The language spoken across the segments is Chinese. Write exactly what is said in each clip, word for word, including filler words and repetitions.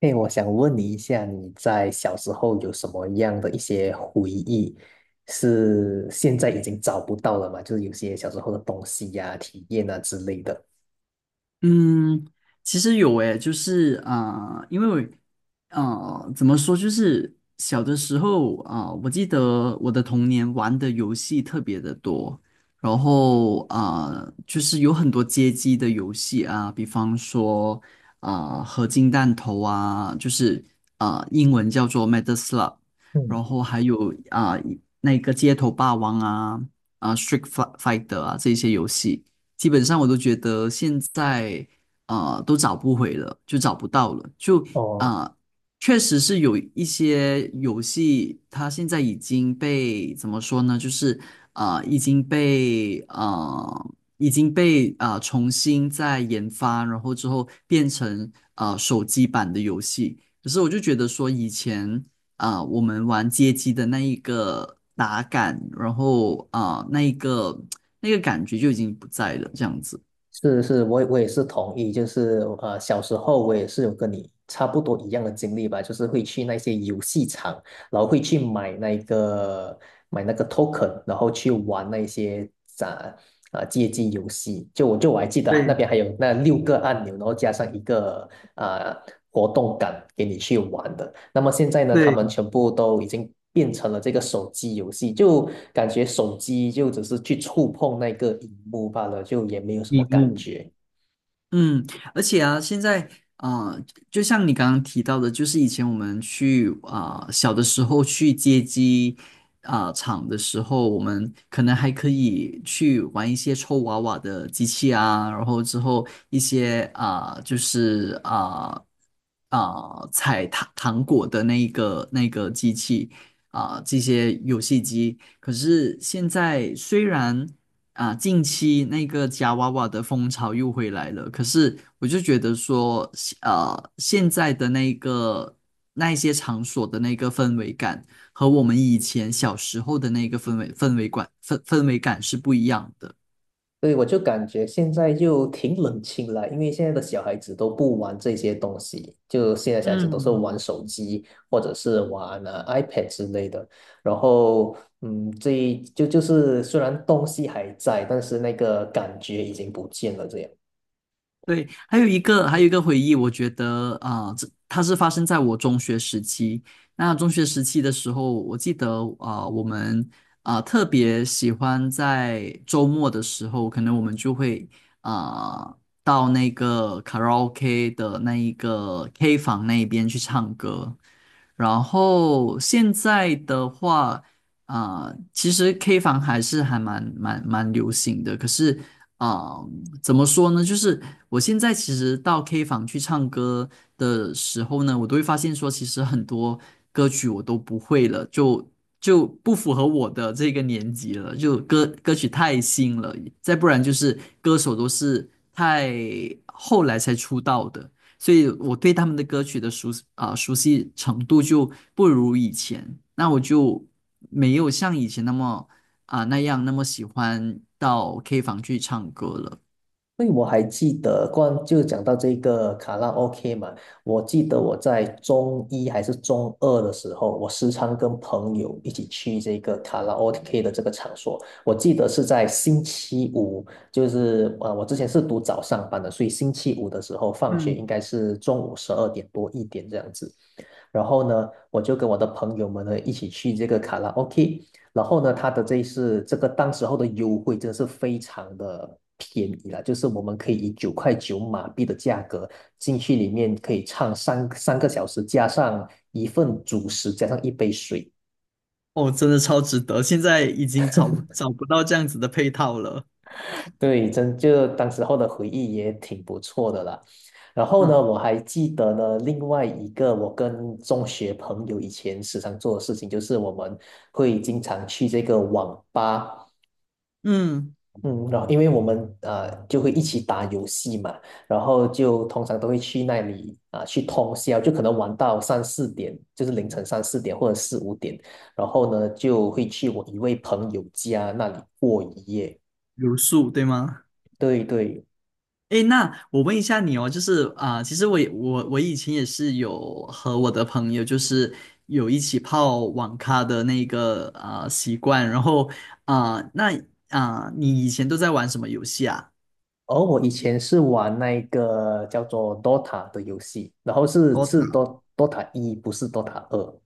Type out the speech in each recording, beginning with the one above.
哎，我想问你一下，你在小时候有什么样的一些回忆，是现在已经找不到了吗？就是有些小时候的东西呀、体验啊之类的。嗯，其实有诶，就是啊、呃因为啊、呃怎么说，就是小的时候啊、呃我记得我的童年玩的游戏特别的多，然后啊、呃就是有很多街机的游戏啊，比方说啊、呃合金弹头啊，就是啊、呃英文叫做 Metal Slug，嗯，然后还有啊、那个街头霸王啊啊、呃 Street Fighter 啊这些游戏。基本上我都觉得现在啊呃都找不回了，就找不到了，就哦，啊、呃确实是有一些游戏，它现在已经被怎么说呢？就是啊呃已经被啊，已经被啊呃重新再研发，然后之后变成啊手机版的游戏。可是我就觉得说以前啊、我们玩街机的那一个打感，然后啊、那一个那个感觉就已经不在了，这样子。是是，我也我也是同意，就是呃，小时候我也是有跟你差不多一样的经历吧，就是会去那些游戏场，然后会去买那个买那个 token，然后去玩那些咋啊街机游戏。就我就我还记得对那边还有那六个按钮，然后加上一个啊、活动杆给你去玩的。那么现在呢，他们对，全部都已经变成了这个手机游戏，就感觉手机就只是去触碰那个荧幕罢了，就也没有什么荧感幕。觉。嗯，而且啊，现在啊、呃就像你刚刚提到的，就是以前我们去啊、呃小的时候去街机啊、厂的时候，我们可能还可以去玩一些抽娃娃的机器啊，然后之后一些啊、呃就是啊啊、呃采糖糖果的那一个那个机器啊、这些游戏机。可是现在虽然啊，近期那个夹娃娃的风潮又回来了，可是我就觉得说，呃，现在的那个那一些场所的那个氛围感和我们以前小时候的那个氛围氛围感氛氛围感是不一样的。对，我就感觉现在就挺冷清了，因为现在的小孩子都不玩这些东西，就现在小孩子都是嗯，玩手机或者是玩呃 iPad 之类的。然后，嗯，这就就是虽然东西还在，但是那个感觉已经不见了，这样。对，还有一个，还有一个回忆，我觉得啊，呃这、它是发生在我中学时期。那中学时期的时候，我记得啊、呃我们啊、呃特别喜欢在周末的时候，可能我们就会啊、呃到那个卡拉 OK 的那一个 K 房那边去唱歌。然后现在的话，啊、其实 K 房还是还蛮蛮蛮流行的，可是啊。怎么说呢？就是我现在其实到 K 房去唱歌的时候呢，我都会发现说，其实很多歌曲我都不会了，就就不符合我的这个年纪了，就歌歌曲太新了，再不然就是歌手都是太后来才出道的，所以我对他们的歌曲的熟啊、熟悉程度就不如以前，那我就没有像以前那么啊、那样那么喜欢到 K 房去唱歌了。因为我还记得，关就讲到这个卡拉 OK 嘛，我记得我在中一还是中二的时候，我时常跟朋友一起去这个卡拉 OK 的这个场所。我记得是在星期五，就是啊，我之前是读早上班的，所以星期五的时候放学应嗯，该是中午十二点多一点这样子。然后呢，我就跟我的朋友们呢一起去这个卡拉 OK。然后呢，它的这一是这个当时候的优惠真的是非常的便宜了，就是我们可以以九块九马币的价格进去里面可以唱三三个小时，加上一份主食，加上一杯水。哦，真的超值得，现在已经找不找不到这样子的配套了。对，真就当时候的回忆也挺不错的啦。然后呢，嗯我还记得呢，另外一个我跟中学朋友以前时常做的事情，就是我们会经常去这个网吧。嗯，嗯，然后因为我们呃就会一起打游戏嘛，然后就通常都会去那里啊、去通宵，就可能玩到三四点，就是凌晨三四点或者四五点，然后呢就会去我一位朋友家那里过一夜。留宿对吗？对对，诶，那我问一下你哦，就是啊、其实我也我我以前也是有和我的朋友，就是有一起泡网咖的那个啊、习惯，然后啊、那啊、你以前都在玩什么游戏啊 而我以前是玩那个叫做 Dota 的游戏，然后是是 d Dota 一，不是 Dota 二。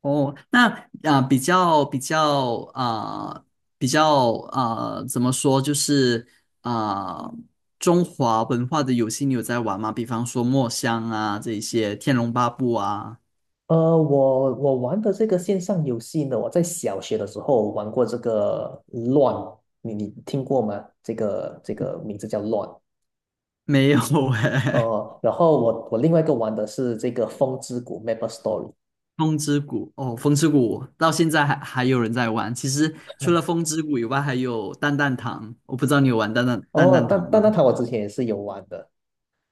哦，那啊、呃比较比较啊、呃比较啊、呃怎么说，就是啊、呃中华文化的游戏你有在玩吗？比方说《墨香》啊，这一些《天龙八部》啊，呃，我我玩的这个线上游戏呢，我在小学的时候玩过这个乱，你你听过吗？这个这个名字叫乱。没有 哎、呃，然后我我另外一个玩的是这个风之谷 m a p e Story。风之谷》哦，《风之谷》到现在还还有人在玩。其实除了《风之谷》以外，还有《蛋蛋堂》，我不知道你有玩蛋蛋蛋哦，蛋堂但但吗？那它我之前也是有玩的，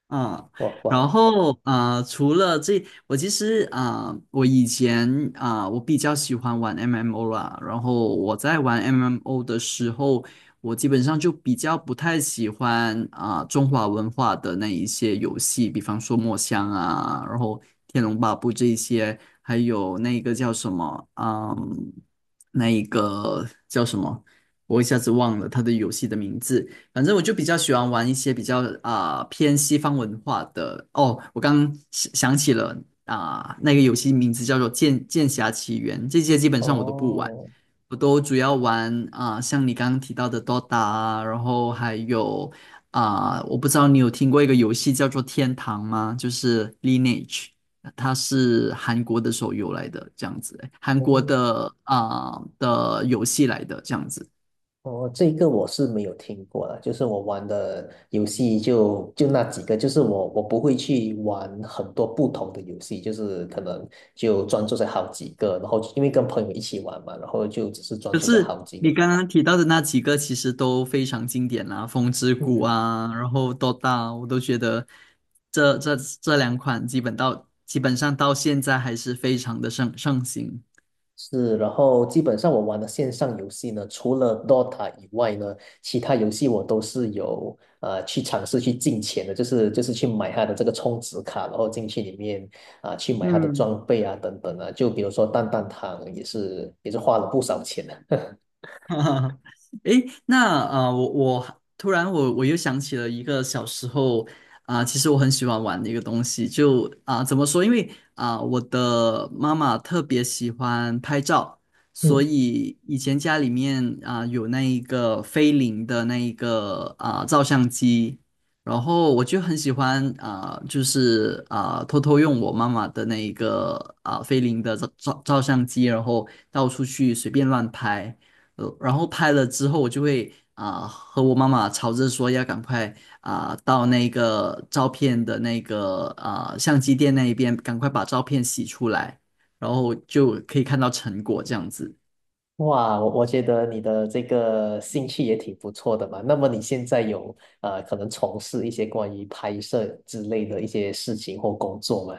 嗯，哇然哇，后啊、呃除了这，我其实啊、呃我以前啊、呃我比较喜欢玩 M M O 啦。然后我在玩 M M O 的时候，我基本上就比较不太喜欢啊、呃中华文化的那一些游戏，比方说墨香啊，然后天龙八部这一些，还有那个叫什么，嗯，那一个叫什么，我一下子忘了它的游戏的名字。反正我就比较喜欢玩一些比较啊、偏西方文化的。哦，我刚想想起了啊、那个游戏名字叫做剑《剑侠奇缘》，这些基本上我都不玩，哦我都主要玩啊、像你刚刚提到的 Dota 啊，然后还有啊、我不知道你有听过一个游戏叫做《天堂》吗？就是 Lineage。它是韩国的手游来的，这样子，韩国哦，的啊、的游戏来的，这样子。哦，这个我是没有听过的，就是我玩的游戏就就那几个，就是我我不会去玩很多不同的游戏，就是可能就专注在好几个，然后因为跟朋友一起玩嘛，然后就只是专可注在好是几个。你刚刚提到的那几个其实都非常经典啦，《风之谷》嗯啊，然后《d 大》，我都觉得这这这两款基本到基本上到现在还是非常的盛盛行。是，然后基本上我玩的线上游戏呢，除了 Dota 以外呢，其他游戏我都是有呃去尝试去进钱的，就是就是去买它的这个充值卡，然后进去里面啊、去买它的嗯。装备啊等等啊，就比如说蛋蛋堂也是也是花了不少钱的。哈哈，诶，那啊、呃我我突然我我又想起了一个小时候啊、其实我很喜欢玩的一个东西，就啊、怎么说？因为啊、我的妈妈特别喜欢拍照，所嗯，以以前家里面啊、有那一个菲林的那一个啊、照相机，然后我就很喜欢啊、就是啊、偷偷用我妈妈的那一个啊、菲林的照照照相机，然后到处去随便乱拍。呃，然后拍了之后，我就会啊、和我妈妈吵着说要赶快啊、到那个照片的那个啊、相机店那一边，赶快把照片洗出来，然后就可以看到成果这样子。哇，我我觉得你的这个兴趣也挺不错的嘛。那么你现在有呃可能从事一些关于拍摄之类的一些事情或工作吗？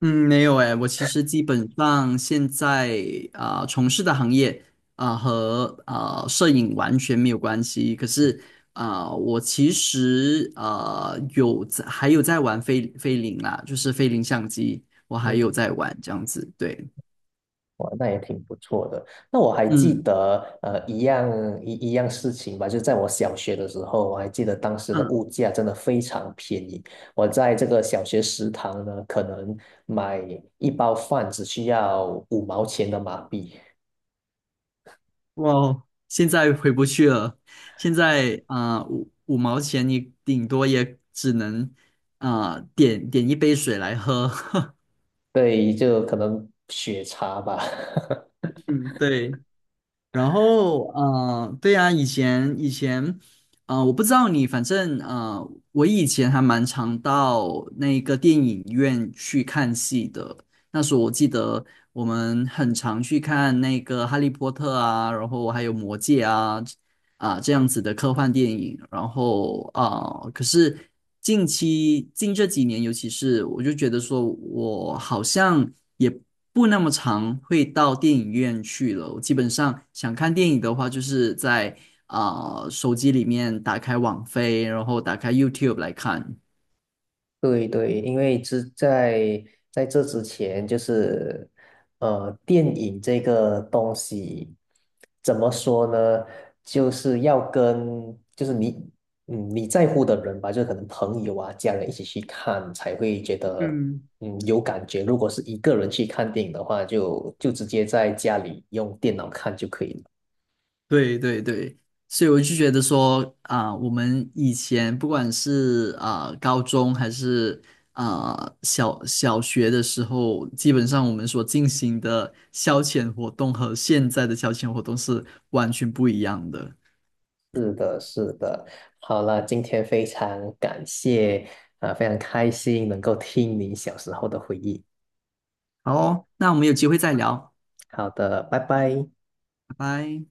嗯，没有诶，我其实基本上现在啊、从事的行业啊、和啊、摄影完全没有关系。可是啊、我其实啊、有在还有在玩菲菲林啦，就是菲林相机，我还有在玩这样子。对，哇，那也挺不错的。那我还记嗯得，呃，一样一一样事情吧，就在我小学的时候，我还记得当时的嗯，物价真的非常便宜。我在这个小学食堂呢，可能买一包饭只需要五毛钱的马币，哇，现在回不去了。现在啊、五五毛钱你顶多也只能啊、点点一杯水来喝。对，就可能血茶吧。嗯，对。然后，呃，对呀，以前以前，呃，我不知道你，反正呃，我以前还蛮常到那个电影院去看戏的。那时候我记得我们很常去看那个《哈利波特》啊，然后还有《魔戒》啊，啊、这样子的科幻电影，然后啊、可是近期近这几年，尤其是我就觉得说，我好像也不那么常会到电影院去了。我基本上想看电影的话，就是在啊、手机里面打开网飞，然后打开 YouTube 来看。对对，因为之在在这之前，就是呃，电影这个东西怎么说呢？就是要跟就是你嗯你在乎的人吧，就可能朋友啊、家人一起去看，才会觉得嗯。嗯有感觉。如果是一个人去看电影的话，就就直接在家里用电脑看就可以了。对对对，所以我就觉得说啊、我们以前不管是啊、高中还是啊、小小学的时候，基本上我们所进行的消遣活动和现在的消遣活动是完全不一样的。是的，是的。好了，今天非常感谢，啊、非常开心能够听你小时候的回忆。好哦那我们有机会再聊，好的，拜拜。拜拜。